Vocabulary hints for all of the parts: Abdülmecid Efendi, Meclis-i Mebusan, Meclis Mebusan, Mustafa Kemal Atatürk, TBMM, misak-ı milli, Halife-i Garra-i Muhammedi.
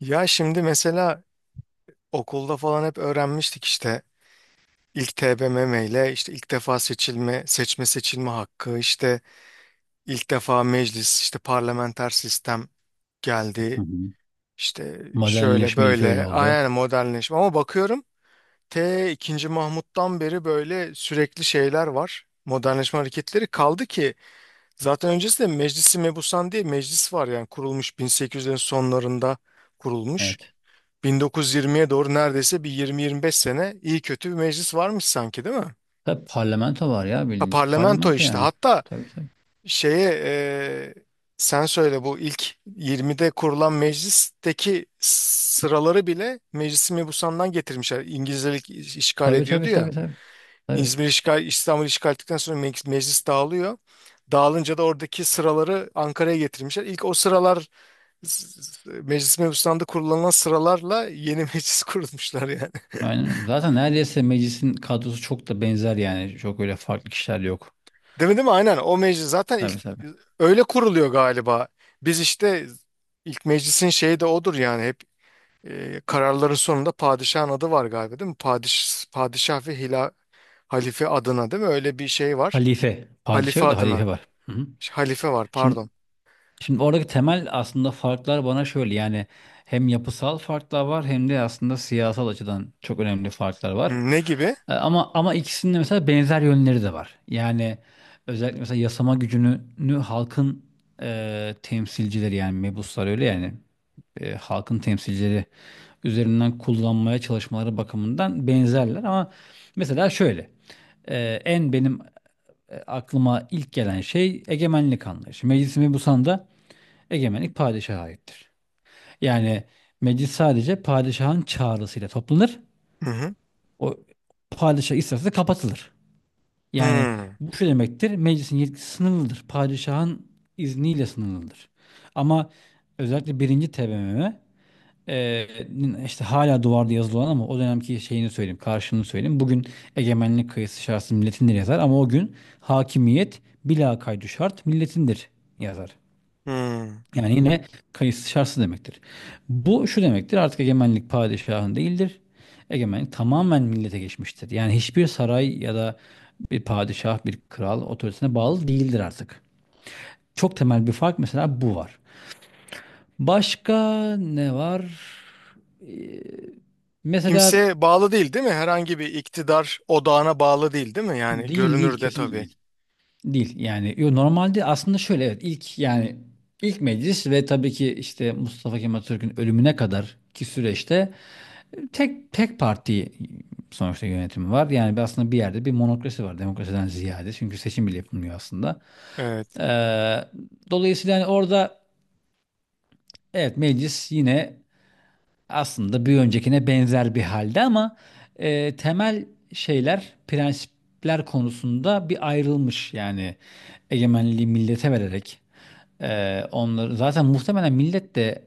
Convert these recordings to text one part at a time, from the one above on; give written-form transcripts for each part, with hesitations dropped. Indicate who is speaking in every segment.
Speaker 1: Ya şimdi mesela okulda falan hep öğrenmiştik işte ilk TBMM ile işte ilk defa seçme seçilme hakkı, işte ilk defa meclis, işte parlamenter sistem
Speaker 2: Hı
Speaker 1: geldi.
Speaker 2: hı.
Speaker 1: İşte şöyle
Speaker 2: Modernleşme ilk öyle
Speaker 1: böyle
Speaker 2: oldu.
Speaker 1: aynen modernleşme ama bakıyorum ikinci Mahmut'tan beri böyle sürekli şeyler var. Modernleşme hareketleri kaldı ki zaten öncesinde Meclisi Mebusan diye meclis var yani kurulmuş 1800'lerin sonlarında kurulmuş.
Speaker 2: Evet.
Speaker 1: 1920'ye doğru neredeyse bir 20-25 sene iyi kötü bir meclis varmış sanki değil mi?
Speaker 2: Tabii parlamento var ya
Speaker 1: Ha,
Speaker 2: bilinç.
Speaker 1: parlamento
Speaker 2: Parlamento
Speaker 1: işte.
Speaker 2: yani.
Speaker 1: Hatta
Speaker 2: Tabii tabii.
Speaker 1: şeye e, sen söyle bu ilk 20'de kurulan meclisteki sıraları bile Meclis-i Mebusan'dan getirmişler. İngilizler ilk işgal
Speaker 2: Tabii tabii
Speaker 1: ediyordu
Speaker 2: tabii
Speaker 1: ya.
Speaker 2: tabii. Tabii.
Speaker 1: İzmir işgal, İstanbul işgal ettikten sonra meclis, meclis dağılıyor. Dağılınca da oradaki sıraları Ankara'ya getirmişler. İlk o sıralar Meclis-i Mebusan'da kullanılan sıralarla yeni meclis kurulmuşlar yani.
Speaker 2: Aynen. Zaten neredeyse meclisin kadrosu çok da benzer yani. Çok öyle farklı kişiler yok.
Speaker 1: Değil mi, değil mi? Aynen. O meclis zaten
Speaker 2: Tabii
Speaker 1: ilk
Speaker 2: tabii.
Speaker 1: öyle kuruluyor galiba. Biz işte ilk meclisin şeyi de odur yani hep kararların sonunda padişahın adı var galiba değil mi? Padişah ve halife adına değil mi? Öyle bir şey var.
Speaker 2: Halife. Padişah
Speaker 1: Halife
Speaker 2: yok da halife
Speaker 1: adına.
Speaker 2: var. Hı hı.
Speaker 1: Halife var
Speaker 2: Şimdi
Speaker 1: pardon.
Speaker 2: Şimdi oradaki temel aslında farklar bana şöyle yani hem yapısal farklar var hem de aslında siyasal açıdan çok önemli farklar var.
Speaker 1: Hmm, ne gibi?
Speaker 2: Ama ikisinin de mesela benzer yönleri de var. Yani özellikle mesela yasama gücünü halkın temsilcileri yani mebuslar öyle yani halkın temsilcileri üzerinden kullanmaya çalışmaları bakımından benzerler ama mesela şöyle e, en benim aklıma ilk gelen şey egemenlik anlayışı. Meclis Mebusan'da egemenlik padişaha aittir. Yani meclis sadece padişahın çağrısıyla toplanır.
Speaker 1: Hı hı.
Speaker 2: O padişah isterse kapatılır. Yani
Speaker 1: Hmm.
Speaker 2: bu şu demektir. Meclisin yetkisi sınırlıdır. Padişahın izniyle sınırlıdır. Ama özellikle birinci TBMM e, işte hala duvarda yazılı olan ama o dönemki şeyini söyleyeyim, karşılığını söyleyeyim. Bugün egemenlik kayısı şartsız milletindir yazar ama o gün hakimiyet bila kaydı şart milletindir yazar.
Speaker 1: Hmm.
Speaker 2: Yani yine kayıtsız şartsız demektir. Bu şu demektir artık egemenlik padişahın değildir. Egemenlik tamamen millete geçmiştir. Yani hiçbir saray ya da bir padişah, bir kral otoritesine bağlı değildir artık. Çok temel bir fark mesela bu var. Başka ne var? Ee, mesela
Speaker 1: Kimseye bağlı değil değil mi? Herhangi bir iktidar odağına bağlı değil değil mi? Yani
Speaker 2: değil değil
Speaker 1: görünürde
Speaker 2: kesinlikle
Speaker 1: tabii.
Speaker 2: değil. Değil yani yo, normalde aslında şöyle evet ilk yani ilk meclis ve tabii ki işte Mustafa Kemal Atatürk'ün ölümüne kadar ki süreçte Tek parti sonuçta yönetimi var. Yani aslında bir yerde bir monokrasi var demokrasiden ziyade. Çünkü seçim bile yapılmıyor aslında.
Speaker 1: Evet.
Speaker 2: Ee, dolayısıyla hani orada evet meclis yine aslında bir öncekine benzer bir halde ama temel şeyler, prensipler konusunda bir ayrılmış. Yani egemenliği millete vererek onları zaten muhtemelen millet de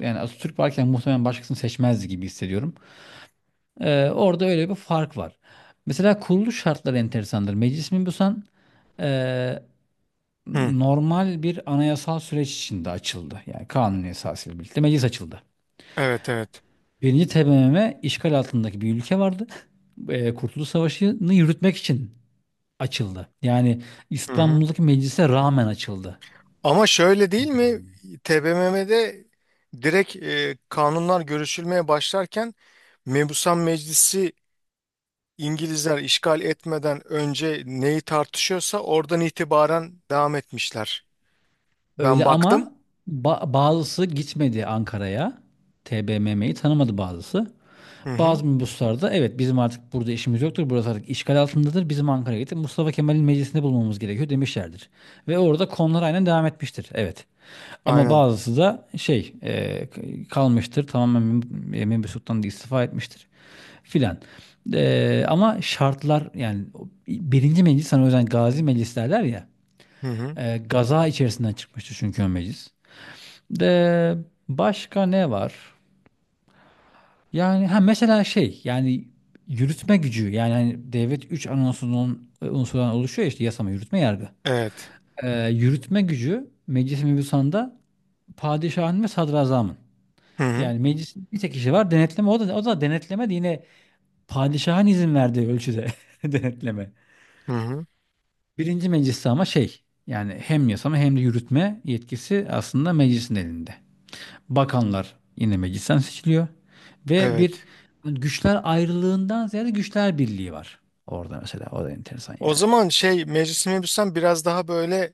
Speaker 2: yani Atatürk varken muhtemelen başkasını seçmezdi gibi hissediyorum. Orada öyle bir fark var. Mesela kuruluş şartları enteresandır. Meclis Mebusan e,
Speaker 1: Hı.
Speaker 2: normal bir anayasal süreç içinde açıldı. Yani kanun esasıyla birlikte meclis açıldı.
Speaker 1: Evet evet.
Speaker 2: Birinci TBMM işgal altındaki bir ülke vardı. Kurtuluş Savaşı'nı yürütmek için açıldı. Yani
Speaker 1: Hı hı.
Speaker 2: İstanbul'daki meclise rağmen açıldı.
Speaker 1: Ama şöyle değil mi? TBMM'de direkt kanunlar görüşülmeye başlarken Mebusan Meclisi İngilizler işgal etmeden önce neyi tartışıyorsa oradan itibaren devam etmişler. Ben
Speaker 2: Öyle ama
Speaker 1: baktım.
Speaker 2: bazısı gitmedi Ankara'ya. TBMM'yi tanımadı bazısı.
Speaker 1: Hı hı.
Speaker 2: Bazı minibüslerde evet bizim artık burada işimiz yoktur. Burası artık işgal altındadır. Bizim Ankara'ya gidip Mustafa Kemal'in meclisinde bulmamız gerekiyor demişlerdir. Ve orada konular aynen devam etmiştir. Evet. Ama
Speaker 1: Aynen.
Speaker 2: bazısı da şey kalmıştır. Tamamen Membi Sultan istifa etmiştir. Filan. Ama şartlar yani o birinci meclis hani o yüzden gazi meclis derler ya.
Speaker 1: Hı hı.
Speaker 2: Gaza içerisinden çıkmıştı çünkü o meclis. De başka ne var? Yani ha mesela şey yani yürütme gücü yani hani devlet 3 anonsunun unsurdan oluşuyor ya işte yasama, yürütme, yargı.
Speaker 1: Evet.
Speaker 2: Yürütme gücü meclis mebusanda padişahın ve sadrazamın.
Speaker 1: Hı hı.
Speaker 2: Yani meclisin bir tek kişi var denetleme o da denetleme de yine padişahın izin verdiği ölçüde denetleme.
Speaker 1: Hı hı.
Speaker 2: Birinci mecliste ama şey yani hem yasama hem de yürütme yetkisi aslında meclisin elinde. Bakanlar yine meclisten seçiliyor. Ve bir
Speaker 1: Evet.
Speaker 2: güçler ayrılığından ziyade güçler birliği var. Orada mesela o da enteresan
Speaker 1: O
Speaker 2: yani.
Speaker 1: zaman şey Meclis-i Mebusan biraz daha böyle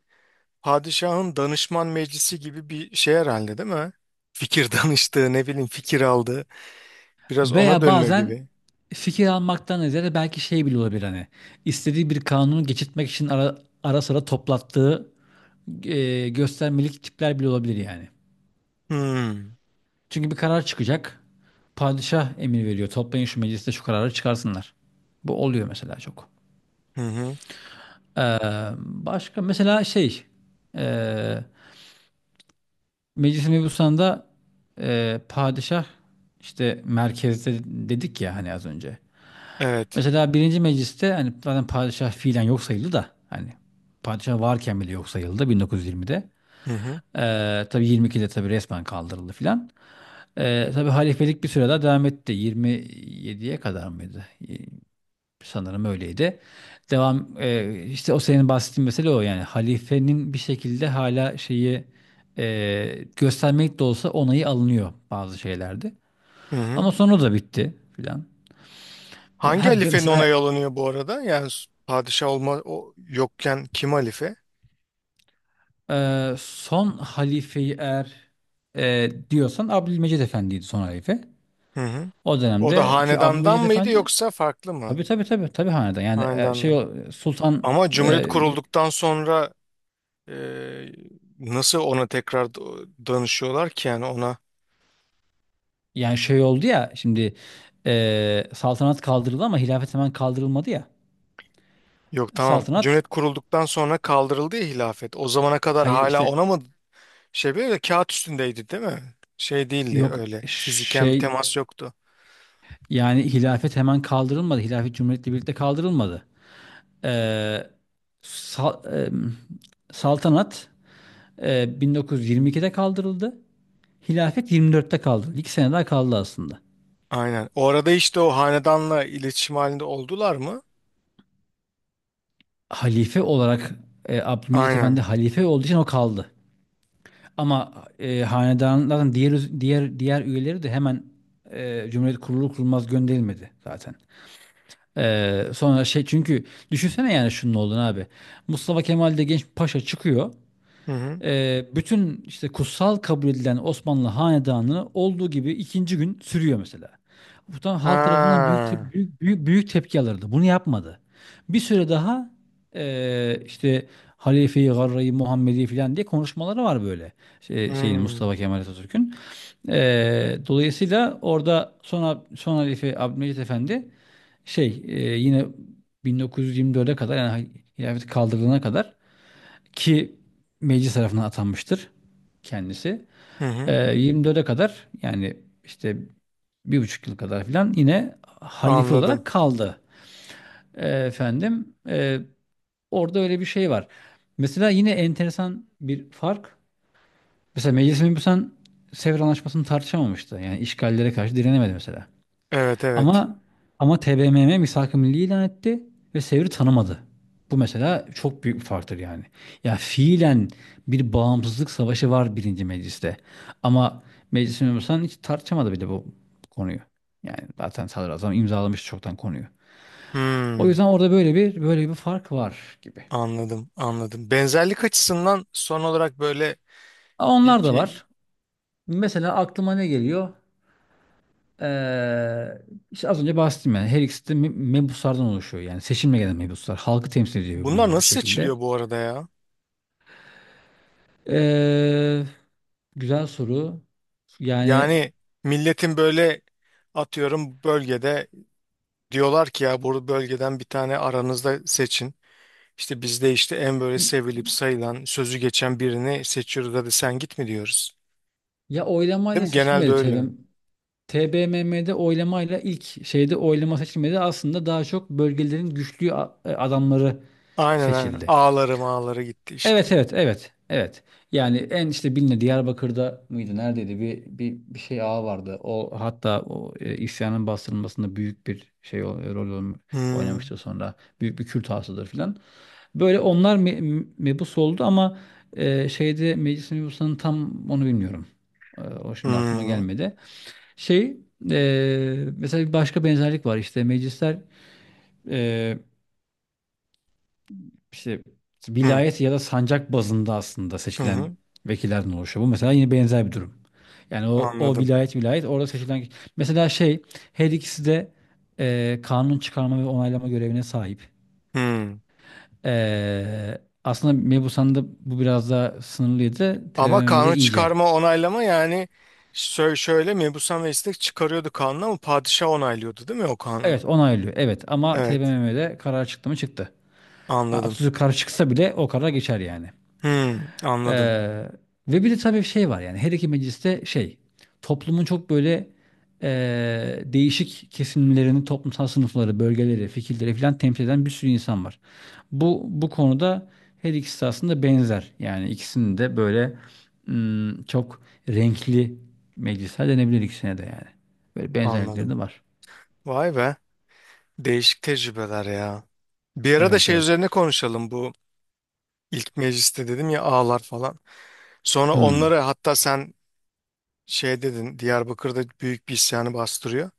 Speaker 1: padişahın danışman meclisi gibi bir şey herhalde değil mi? Fikir danıştığı ne bileyim fikir aldığı biraz ona
Speaker 2: Veya
Speaker 1: dönüyor
Speaker 2: bazen
Speaker 1: gibi.
Speaker 2: fikir almaktan ziyade belki şey bile olabilir hani istediği bir kanunu geçirtmek için ara sıra toplattığı göstermelik tipler bile olabilir yani.
Speaker 1: Hmm.
Speaker 2: Çünkü bir karar çıkacak. Padişah emir veriyor. Toplayın şu mecliste şu kararı çıkarsınlar. Bu oluyor mesela çok.
Speaker 1: Hı hı.
Speaker 2: Ee, başka mesela şey ee, Meclis-i Mebusan'da padişah işte merkezde dedik ya hani az önce.
Speaker 1: Evet.
Speaker 2: Mesela birinci mecliste hani zaten padişah fiilen yok sayıldı da hani padişah varken bile yok sayıldı 1920'de. E,
Speaker 1: Hı hı.
Speaker 2: tabii 22'de tabii resmen kaldırıldı filan. Tabii halifelik bir süre daha devam etti. 27'ye kadar mıydı? Sanırım öyleydi. Devam işte o senin bahsettiğin mesele o yani halifenin bir şekilde hala şeyi göstermek de olsa onayı alınıyor bazı şeylerde.
Speaker 1: Hı hı.
Speaker 2: Ama sonra da bitti filan.
Speaker 1: Hangi halifenin
Speaker 2: Mesela
Speaker 1: ona alınıyor bu arada? Yani padişah olma o yokken kim halife?
Speaker 2: son halifeyi eğer diyorsan Abdülmecid Efendi'ydi son halife.
Speaker 1: Hı hı.
Speaker 2: O
Speaker 1: O da
Speaker 2: dönemde ki
Speaker 1: hanedandan
Speaker 2: Abdülmecid
Speaker 1: mıydı
Speaker 2: Efendi
Speaker 1: yoksa farklı mı?
Speaker 2: tabii tabii tabii tabii hanedan yani şey
Speaker 1: Hanedandan.
Speaker 2: o, Sultan
Speaker 1: Ama Cumhuriyet
Speaker 2: e,
Speaker 1: kurulduktan sonra e, nasıl ona tekrar danışıyorlar ki yani ona?
Speaker 2: yani şey oldu ya şimdi saltanat kaldırıldı ama hilafet hemen kaldırılmadı ya.
Speaker 1: Yok tamam.
Speaker 2: Saltanat
Speaker 1: Cumhuriyet kurulduktan sonra kaldırıldı ya hilafet. O zamana kadar
Speaker 2: hayır
Speaker 1: hala
Speaker 2: işte
Speaker 1: ona mı şey böyle kağıt üstündeydi değil mi? Şey değildi
Speaker 2: yok
Speaker 1: öyle. Fiziken bir
Speaker 2: şey
Speaker 1: temas yoktu.
Speaker 2: yani hilafet hemen kaldırılmadı. Hilafet cumhuriyetle birlikte kaldırılmadı. Eee, sal- em, saltanat 1922'de kaldırıldı. Hilafet 24'te kaldırıldı. 2 sene daha kaldı aslında.
Speaker 1: Aynen. O arada işte o hanedanla iletişim halinde oldular mı?
Speaker 2: Halife olarak Abdülmecit Efendi
Speaker 1: Aynen.
Speaker 2: halife olduğu için o kaldı. Ama hanedanların diğer üyeleri de hemen Cumhuriyet kurulur kurulmaz gönderilmedi zaten. Sonra şey çünkü düşünsene yani şunun olduğunu abi. Mustafa Kemal de genç bir paşa çıkıyor
Speaker 1: Hı hı.
Speaker 2: bütün işte kutsal kabul edilen Osmanlı hanedanı olduğu gibi ikinci gün sürüyor mesela. Bu tam halk tarafından
Speaker 1: Ha.
Speaker 2: büyük, büyük, büyük tepki alırdı. Bunu yapmadı. Bir süre daha işte Halife-i Garra-i Muhammedi falan diye konuşmaları var böyle. Şey, şeyin
Speaker 1: Hmm.
Speaker 2: Mustafa Kemal Atatürk'ün. Dolayısıyla orada sonra son Halife Abdülmecit Efendi şey yine 1924'e kadar yani hilafet kaldırılana kadar ki meclis tarafından atanmıştır kendisi.
Speaker 1: Hı hı.
Speaker 2: 24'e kadar yani işte 1,5 yıl kadar filan yine halife
Speaker 1: Anladım.
Speaker 2: olarak kaldı. Efendim orada öyle bir şey var. Mesela yine enteresan bir fark. Mesela Meclis-i Mebusan Sevr Anlaşması'nı tartışamamıştı. Yani işgallere karşı direnemedi mesela.
Speaker 1: Evet evet.
Speaker 2: Ama ama TBMM misak-ı milli ilan etti ve Sevr'i tanımadı. Bu mesela çok büyük bir farktır yani. Ya fiilen bir bağımsızlık savaşı var birinci mecliste. Ama meclis memursan hiç tartışamadı bile bu konuyu. Yani zaten sadrazam imzalamış çoktan konuyu. O
Speaker 1: Hmm.
Speaker 2: yüzden orada böyle bir fark var gibi.
Speaker 1: Anladım anladım. Benzerlik açısından son olarak böyle
Speaker 2: Ama onlar da
Speaker 1: peki
Speaker 2: var. Mesela aklıma ne geliyor? Ee, işte az önce bahsettim yani. Her ikisi de mebuslardan oluşuyor. Yani seçimle gelen mebuslar. Halkı temsil ediyor
Speaker 1: bunlar
Speaker 2: bunlar bir
Speaker 1: nasıl
Speaker 2: şekilde.
Speaker 1: seçiliyor bu arada ya?
Speaker 2: Ee, güzel soru. Yani
Speaker 1: Yani milletin böyle atıyorum bölgede diyorlar ki ya bu bölgeden bir tane aranızda seçin. İşte bizde işte en böyle sevilip sayılan sözü geçen birini seçiyoruz hadi sen git mi diyoruz.
Speaker 2: ya
Speaker 1: Değil
Speaker 2: oylamayla
Speaker 1: mi? Genelde
Speaker 2: seçilmedi
Speaker 1: öyle.
Speaker 2: TBMM. TBMM'de oylamayla ilk şeyde oylama seçilmedi. Aslında daha çok bölgelerin güçlü adamları
Speaker 1: Aynen aynen.
Speaker 2: seçildi.
Speaker 1: Ağları mağları gitti işte.
Speaker 2: Evet evet evet evet. Yani en işte bilinen Diyarbakır'da mıydı neredeydi bir şey ağa vardı. O hatta o isyanın bastırılmasında büyük bir şey rol
Speaker 1: Hmm.
Speaker 2: oynamıştı sonra. Büyük bir Kürt ağasıdır filan. Böyle onlar mebus oldu ama şeyde meclis mebusunun tam onu bilmiyorum. O şimdi aklıma
Speaker 1: Hmm.
Speaker 2: gelmedi. Şey mesela bir başka benzerlik var işte meclisler e, işte
Speaker 1: Hmm.
Speaker 2: vilayet ya da sancak bazında aslında
Speaker 1: Hı
Speaker 2: seçilen
Speaker 1: hı.
Speaker 2: vekillerden oluşuyor. Bu mesela yine benzer bir durum. Yani o, o
Speaker 1: Anladım.
Speaker 2: vilayet vilayet orada seçilen mesela şey her ikisi de kanun çıkarma ve onaylama görevine sahip.
Speaker 1: Hmm.
Speaker 2: E, aslında Mebusan'da bu biraz daha sınırlıydı.
Speaker 1: Ama
Speaker 2: TBMM'de
Speaker 1: kanun
Speaker 2: iyice.
Speaker 1: çıkarma onaylama yani şöyle mebusan ve istek çıkarıyordu kanunu ama padişah onaylıyordu değil mi o kanunu?
Speaker 2: Evet onaylıyor. Evet ama
Speaker 1: Evet.
Speaker 2: TBMM'de karar çıktı mı çıktı.
Speaker 1: Anladım.
Speaker 2: Atatürk karar çıksa bile o karar geçer yani.
Speaker 1: Hmm,
Speaker 2: Ee,
Speaker 1: anladım.
Speaker 2: ve bir de tabii şey var yani her iki mecliste şey toplumun çok böyle değişik kesimlerini, toplumsal sınıfları, bölgeleri, fikirleri falan temsil eden bir sürü insan var. Bu konuda her ikisi aslında benzer. Yani ikisinin de böyle çok renkli meclisler denebilir ikisine de yani. Böyle benzerlikleri de
Speaker 1: Anladım.
Speaker 2: var.
Speaker 1: Vay be. Değişik tecrübeler ya. Bir ara da
Speaker 2: Evet
Speaker 1: şey
Speaker 2: evet.
Speaker 1: üzerine konuşalım bu ilk mecliste dedim ya ağlar falan. Sonra
Speaker 2: Hmm.
Speaker 1: onları hatta sen şey dedin Diyarbakır'da büyük bir isyanı bastırıyor.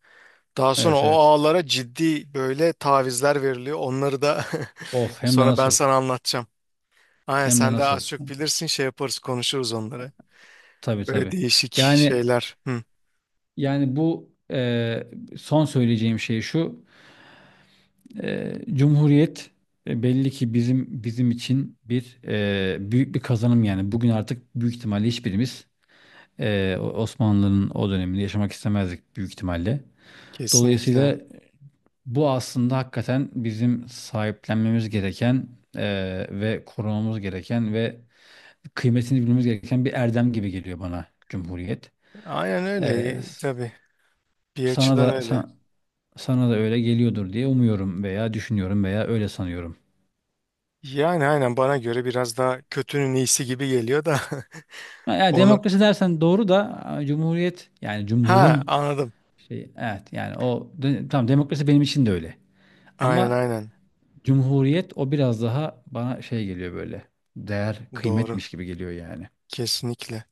Speaker 1: Daha sonra
Speaker 2: Evet
Speaker 1: o
Speaker 2: evet.
Speaker 1: ağalara ciddi böyle tavizler veriliyor. Onları da
Speaker 2: Of hem de
Speaker 1: sonra ben
Speaker 2: nasıl.
Speaker 1: sana anlatacağım. Aynen
Speaker 2: Hem de
Speaker 1: sen de
Speaker 2: nasıl.
Speaker 1: az çok bilirsin şey yaparız konuşuruz onları.
Speaker 2: Tabii
Speaker 1: Böyle
Speaker 2: tabii.
Speaker 1: değişik
Speaker 2: Yani
Speaker 1: şeyler. Hı,
Speaker 2: Yani bu son söyleyeceğim şey şu. Cumhuriyet belli ki bizim için bir büyük bir kazanım yani. Bugün artık büyük ihtimalle hiçbirimiz Osmanlı'nın o dönemini yaşamak istemezdik büyük ihtimalle.
Speaker 1: kesinlikle.
Speaker 2: Dolayısıyla bu aslında hakikaten bizim sahiplenmemiz gereken ve korumamız gereken ve kıymetini bilmemiz gereken bir erdem gibi geliyor bana Cumhuriyet.
Speaker 1: Aynen
Speaker 2: E,
Speaker 1: öyle tabii bir
Speaker 2: sana
Speaker 1: açıdan
Speaker 2: da
Speaker 1: öyle.
Speaker 2: sana, Sana da öyle geliyordur diye umuyorum veya düşünüyorum veya öyle sanıyorum.
Speaker 1: Yani aynen bana göre biraz daha kötünün iyisi gibi geliyor da
Speaker 2: Ha, yani
Speaker 1: onu.
Speaker 2: demokrasi dersen doğru da cumhuriyet yani
Speaker 1: Ha
Speaker 2: cumhurun
Speaker 1: anladım.
Speaker 2: şey evet yani tamam demokrasi benim için de öyle.
Speaker 1: Aynen
Speaker 2: Ama
Speaker 1: aynen
Speaker 2: cumhuriyet o biraz daha bana şey geliyor böyle değer
Speaker 1: doğru
Speaker 2: kıymetmiş gibi geliyor yani.
Speaker 1: kesinlikle.